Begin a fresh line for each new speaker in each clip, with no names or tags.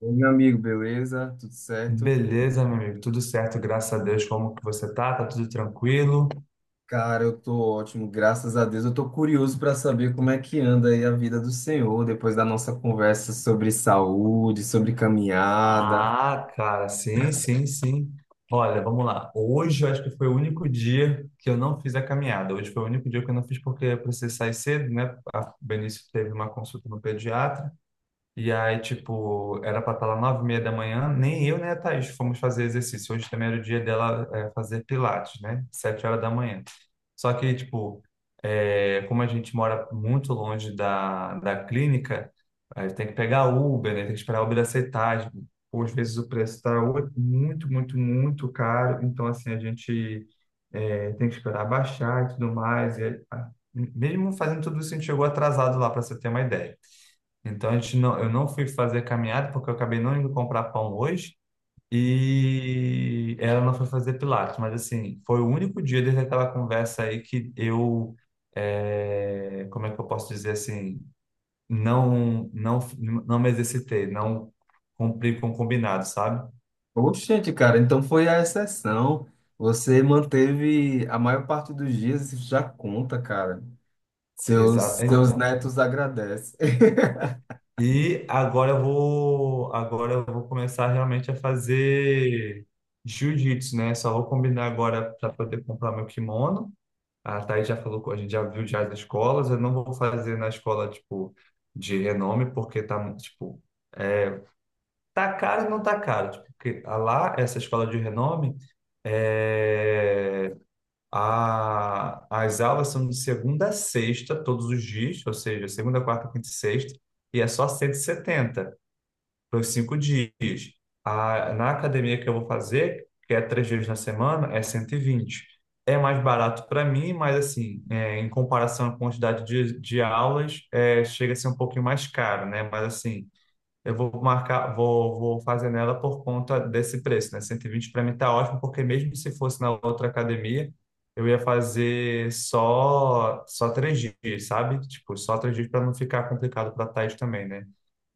Oi, meu amigo, beleza? Tudo certo?
Beleza, meu amigo, tudo certo, graças a Deus. Como que você tá? Tá tudo tranquilo?
Cara, eu tô ótimo, graças a Deus. Eu tô curioso para saber como é que anda aí a vida do senhor depois da nossa conversa sobre saúde, sobre caminhada.
Ah, cara, sim, sim, sim. Olha, vamos lá. Hoje eu acho que foi o único dia que eu não fiz a caminhada. Hoje foi o único dia que eu não fiz porque eu precisei sair cedo, né? A Benício teve uma consulta no pediatra. E aí, tipo, era pra estar lá 9:30 da manhã, nem eu nem a Thaís fomos fazer exercício. Hoje também era o dia dela fazer pilates, né? 7 horas da manhã. Só que, tipo, como a gente mora muito longe da clínica, aí tem que pegar Uber, né? Tem que esperar a Uber aceitar. Ou às vezes o preço tá muito, muito, muito caro. Então, assim, a gente tem que esperar baixar e tudo mais. E, ah, mesmo fazendo tudo isso, a gente chegou atrasado lá, para você ter uma ideia. Então a gente não, eu não fui fazer caminhada porque eu acabei não indo comprar pão hoje e ela não foi fazer pilates, mas assim, foi o único dia desde aquela conversa aí que como é que eu posso dizer assim, não, não, não me exercitei, não cumpri com o combinado, sabe?
Oxente, cara, então foi a exceção. Você manteve a maior parte dos dias, isso já conta, cara.
Exato,
Seus
então.
netos agradecem.
E agora eu vou começar realmente a fazer jiu-jitsu, né? Só vou combinar agora para poder comprar meu kimono. A Thaís já falou, a gente já viu já as escolas, eu não vou fazer na escola, tipo, de renome, porque tá, muito, tipo, é, tá caro e não tá caro, tipo, porque a lá, essa escola de renome, é, as aulas são de segunda a sexta, todos os dias, ou seja, segunda, quarta, quinta e sexta, e é só 170. Foi 5 dias. Na academia que eu vou fazer, que é 3 vezes na semana, é 120. É mais barato para mim, mas assim, em comparação à quantidade de aulas, chega a ser um pouquinho mais caro, né? Mas assim, eu vou marcar, vou fazer nela por conta desse preço, né? 120 para mim tá ótimo, porque mesmo se fosse na outra academia, eu ia fazer só 3 dias, sabe? Tipo, só 3 dias para não ficar complicado para a Thaís também, né?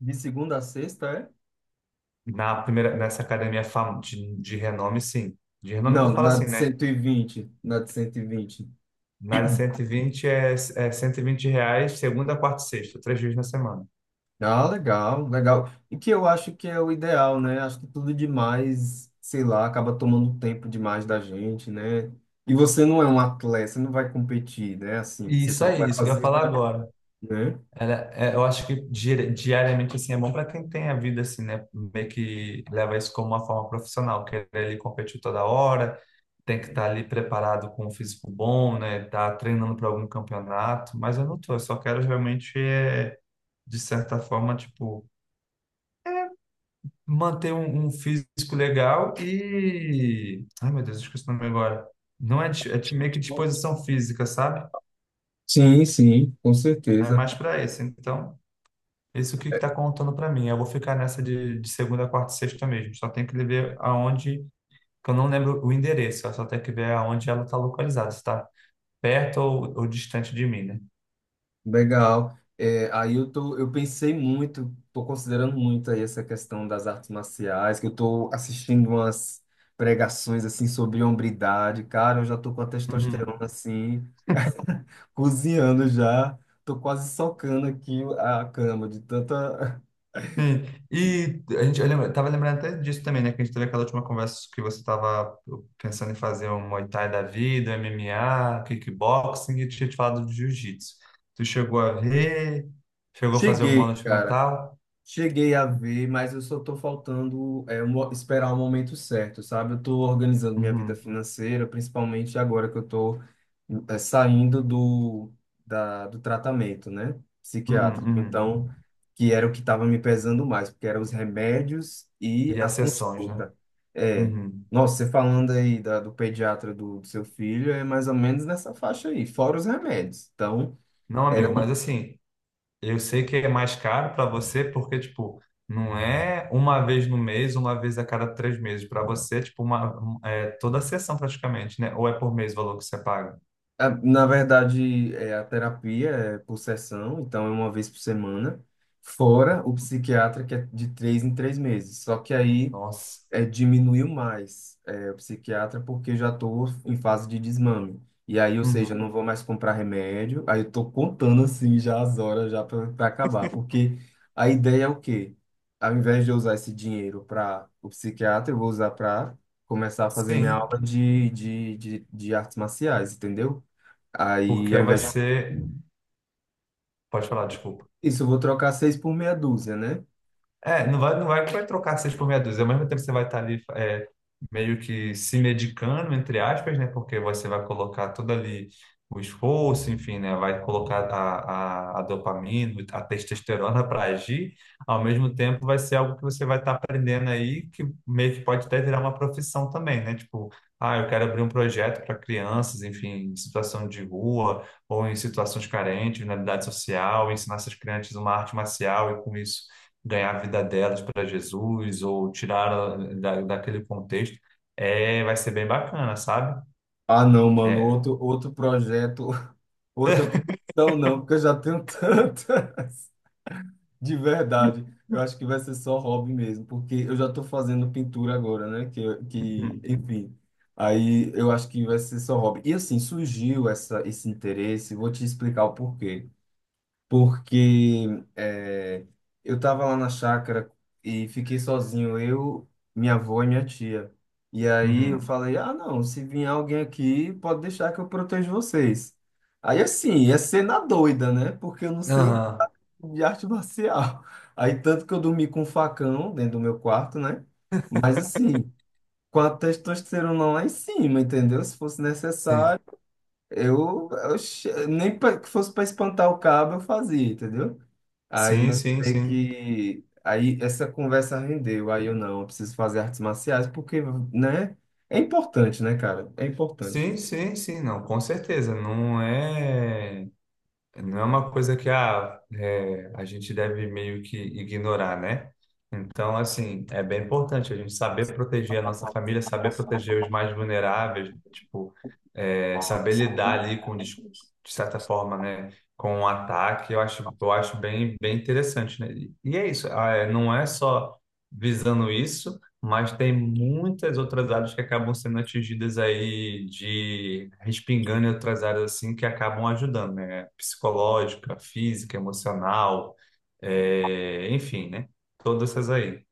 De segunda a sexta, é?
Nessa academia de renome, sim. De renome que eu
Não,
falo
na
assim,
de
né?
120, na de 120.
Na de 120 é R$ 120, segunda, quarta e sexta, 3 vezes na semana.
Ah, legal, legal. E que eu acho que é o ideal, né? Acho que tudo demais, sei lá, acaba tomando tempo demais da gente, né? E você não é um atleta, você não vai competir, né? Assim,
E
você
isso
só vai
aí, isso que eu ia
fazer,
falar agora.
né?
Eu acho que diariamente, assim, é bom para quem tem a vida, assim, né? Meio que leva isso como uma forma profissional, que ele competir toda hora, tem que estar ali preparado com um físico bom, né? Tá treinando para algum campeonato, mas eu não tô, eu só quero realmente, de certa forma, tipo manter um físico legal. Ai, meu Deus, esqueci o nome agora. Não é, meio que disposição física, sabe?
Sim, sim, com
É
certeza.
mais para esse. Então, esse é o que está contando para mim. Eu vou ficar nessa de segunda, quarta e sexta mesmo. Só tem que ver aonde. Que eu não lembro o endereço, eu só tenho que ver aonde ela está localizada, se está perto ou distante de mim, né?
Legal. É, aí eu tô, eu pensei muito, tô considerando muito aí essa questão das artes marciais, que eu tô assistindo umas pregações assim sobre hombridade, cara, eu já tô com a testosterona
Uhum.
assim, cozinhando já. Tô quase socando aqui a cama de tanta.
Sim, e a gente, eu lembra, tava lembrando até disso também, né? Que a gente teve aquela última conversa que você tava pensando em fazer um Muay Thai da vida, MMA, kickboxing, e eu tinha te falado de jiu-jitsu. Tu chegou a fazer alguma aula
Cheguei,
de
cara.
metal.
Cheguei a ver, mas eu só estou faltando esperar o momento certo, sabe? Eu estou organizando minha vida
Uhum,
financeira, principalmente agora que eu estou saindo da, do tratamento, né?
uhum,
Psiquiátrico.
uhum.
Então, que era o que estava me pesando mais, porque eram os remédios e
E
a
as sessões, né?
consulta. É,
Uhum.
nossa, você falando aí da, do pediatra do seu filho, é mais ou menos nessa faixa aí, fora os remédios. Então,
Não, amigo, mas assim, eu sei que é mais caro para você porque, tipo, não é uma vez no mês, uma vez a cada 3 meses. Para você, tipo, é toda a sessão praticamente, né? Ou é por mês o valor que você paga?
Na verdade, é, a terapia é por sessão, então é uma vez por semana, fora o psiquiatra, que é de 3 em 3 meses. Só que aí
Nossa.
é, diminuiu mais é, o psiquiatra, porque eu já estou em fase de desmame. E aí, ou
Uhum.
seja, eu não vou mais comprar remédio, aí eu estou contando assim já as horas já para acabar. Porque a ideia é o quê? Ao invés de eu usar esse dinheiro para o psiquiatra, eu vou usar para começar a fazer minha
Sim,
aula de artes marciais, entendeu? Aí, ao
porque vai
invés de
ser. Pode falar, desculpa.
isso, eu vou trocar seis por meia dúzia, né?
É, não vai, não vai, vai trocar seis por meia dúzia. Ao mesmo tempo, você vai estar ali meio que se medicando, entre aspas, né? Porque você vai colocar todo ali o esforço, enfim, né? Vai colocar a dopamina, a testosterona para agir. Ao mesmo tempo, vai ser algo que você vai estar aprendendo aí, que meio que pode até virar uma profissão também, né? Tipo, ah, eu quero abrir um projeto para crianças, enfim, em situação de rua ou em situações carentes, vulnerabilidade social, ensinar essas crianças uma arte marcial e com isso ganhar a vida delas para Jesus ou tirar ela daquele contexto, vai ser bem bacana, sabe?
Ah, não, mano,
É,
outro projeto, outra. Não, não, porque eu já tenho tantas. De verdade, eu acho que vai ser só hobby mesmo, porque eu já estou fazendo pintura agora, né?
hum,
Enfim. Aí eu acho que vai ser só hobby. E assim, surgiu essa, esse interesse, vou te explicar o porquê. Porque é, eu estava lá na chácara e fiquei sozinho, eu, minha avó e minha tia. E aí eu
uhum.
falei, ah, não, se vir alguém aqui, pode deixar que eu protejo vocês. Aí assim, ia ser na doida, né? Porque eu não sei
Aham,
de arte marcial. Aí tanto que eu dormi com um facão dentro do meu quarto, né? Mas assim, com a testosterona lá em cima, entendeu? Se fosse
sim.
necessário. Nem pra, que fosse para espantar o cabo eu fazia, entendeu? Aí
Sim,
eu
sim,
sei
sim.
que aí essa conversa rendeu, aí eu não, eu preciso fazer artes marciais porque, né? É importante, né, cara? É importante.
Sim, sim, sim, não, com certeza. Não é uma coisa que ah, a gente deve meio que ignorar, né? Então, assim, é bem importante a gente saber proteger a nossa família, saber proteger os mais vulneráveis, tipo, saber lidar ali de certa forma, né, com um ataque, eu acho bem, bem interessante, né? E é isso, ah, não é só visando isso, mas tem muitas outras áreas que acabam sendo atingidas aí de respingando em outras áreas assim que acabam ajudando, né? Psicológica, física, emocional, enfim, né? Todas essas aí.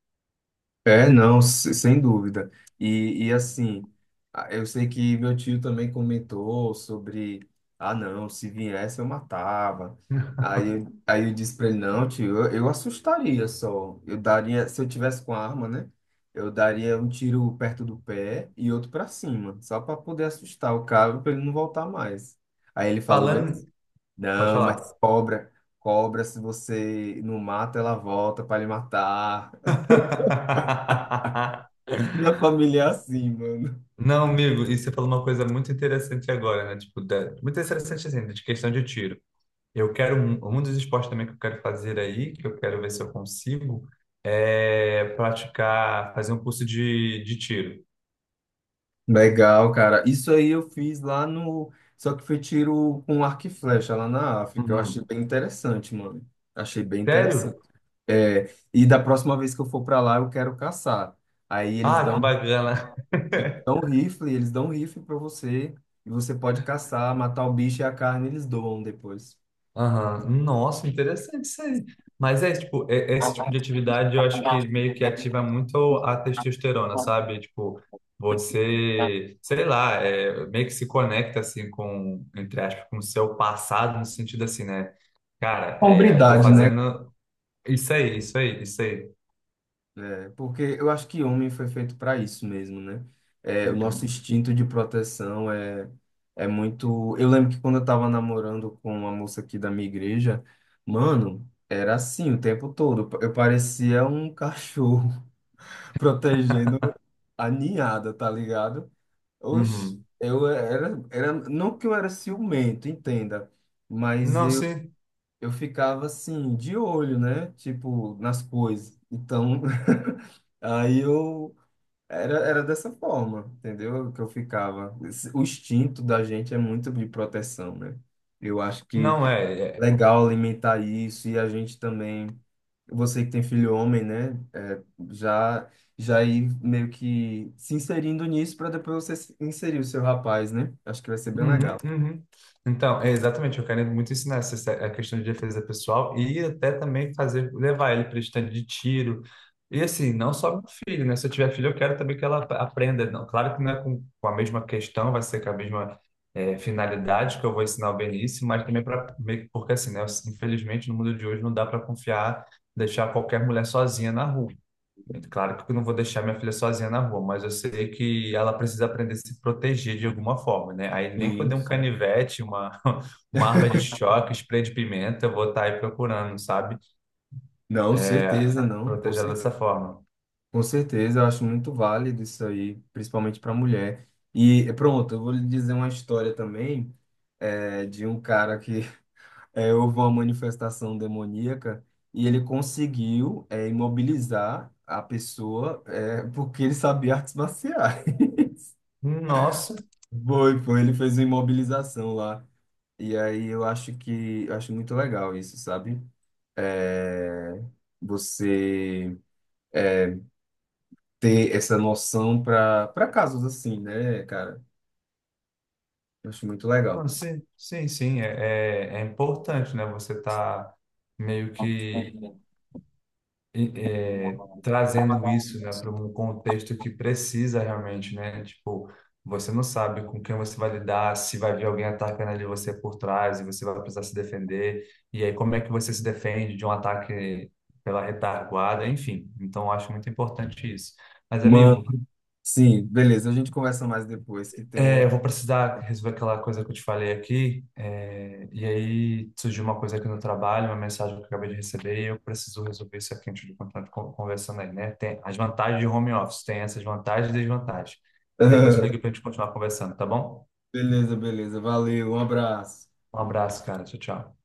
É, não, sem dúvida. E assim, eu sei que meu tio também comentou sobre, ah, não, se viesse eu matava. Aí eu disse pra ele, não, tio, eu assustaria só. Eu daria, se eu tivesse com a arma, né? Eu daria um tiro perto do pé e outro pra cima, só pra poder assustar o cara, pra ele não voltar mais. Aí ele falou bem
Falando,
assim,
pode
não, mas
falar.
cobra, se você não mata, ela volta pra lhe matar. Minha família é assim, mano.
Não, amigo, e você falou uma coisa muito interessante agora, né? Tipo, muito interessante assim, de questão de tiro. Eu quero um dos esportes também que eu quero fazer aí, que eu quero ver se eu consigo, praticar, fazer um curso de tiro.
Legal, cara. Isso aí eu fiz lá no. Só que foi tiro com arco e flecha lá na África. Eu achei
Uhum.
bem interessante, mano. Achei bem interessante.
Sério?
É, e da próxima vez que eu for pra lá, eu quero caçar. Aí eles
Ah, que
dão,
bacana.
dão rifle, eles dão rifle pra você. E você pode caçar, matar o bicho e a carne eles doam depois.
Aham. Nossa, interessante isso aí. Mas tipo, esse tipo de atividade eu acho que meio que ativa muito a testosterona, sabe? Tipo, você, sei lá, meio que se conecta, assim, entre aspas, com o seu passado, no sentido assim, né? Cara, eu tô
Hombridade, né?
fazendo. Isso aí, isso aí, isso aí.
É. Porque eu acho que homem foi feito para isso mesmo, né? É, o nosso
Uhum,
instinto de proteção é, é muito. Eu lembro que quando eu tava namorando com uma moça aqui da minha igreja, mano, era assim o tempo todo. Eu parecia um cachorro protegendo a ninhada, tá ligado? Oxe,
uhum.
eu era, era. Não que eu era ciumento, entenda, mas
Não, sim,
eu ficava assim, de olho, né? Tipo, nas coisas. Então, aí eu. Era, era dessa forma, entendeu? Que eu ficava. O instinto da gente é muito de proteção, né? Eu acho que
não é.
é
É.
legal alimentar isso e a gente também, você que tem filho homem, né? É, já, já ir meio que se inserindo nisso para depois você inserir o seu rapaz, né? Acho que vai ser bem
Uhum,
legal.
uhum. Então, é exatamente, eu quero muito ensinar essa, a questão de defesa pessoal e até também fazer, levar ele para estande de tiro. E assim, não só meu filho, né? Se eu tiver filho, eu quero também que ela aprenda. Não, claro que não é com a mesma questão, vai ser com a mesma finalidade que eu vou ensinar o Benício, mas também para. Porque assim, né? Infelizmente, no mundo de hoje não dá para confiar, deixar qualquer mulher sozinha na rua. É claro que eu não vou deixar minha filha sozinha na rua, mas eu sei que ela precisa aprender a se proteger de alguma forma, né? Aí nem que eu dê um
Isso.
canivete, uma, uma arma de choque, spray de pimenta, eu vou estar aí procurando, sabe?
Não, certeza, não.
Proteger ela dessa forma.
Com certeza, eu acho muito válido isso aí, principalmente para mulher. E pronto, eu vou lhe dizer uma história também é, de um cara que é, houve uma manifestação demoníaca e ele conseguiu é, imobilizar a pessoa é, porque ele sabia artes marciais.
Nossa,
Foi, foi, ele fez uma imobilização lá. E aí eu acho que eu acho muito legal isso, sabe? É, você ter essa noção para casos assim, né, cara? Eu acho muito legal.
sim, sim, sim, é importante, né? Você tá meio que trazendo isso, né, para um contexto que precisa realmente, né? Tipo, você não sabe com quem você vai lidar, se vai vir alguém atacando ali você por trás e você vai precisar se defender. E aí, como é que você se defende de um ataque pela retaguarda? Enfim, então eu acho muito importante isso. Mas,
Mano,
amigo,
sim, beleza, a gente conversa mais depois, que tem um
eu
outro.
vou precisar resolver aquela coisa que eu te falei aqui. E aí surgiu uma coisa aqui no trabalho, uma mensagem que eu acabei de receber, e eu preciso resolver isso aqui antes de continuar conversando aí, né? Tem as vantagens de home office, tem essas vantagens e desvantagens. Depois eu ligo pra gente continuar conversando, tá bom?
Beleza, beleza. Valeu, um abraço.
Um abraço, cara. Tchau, tchau.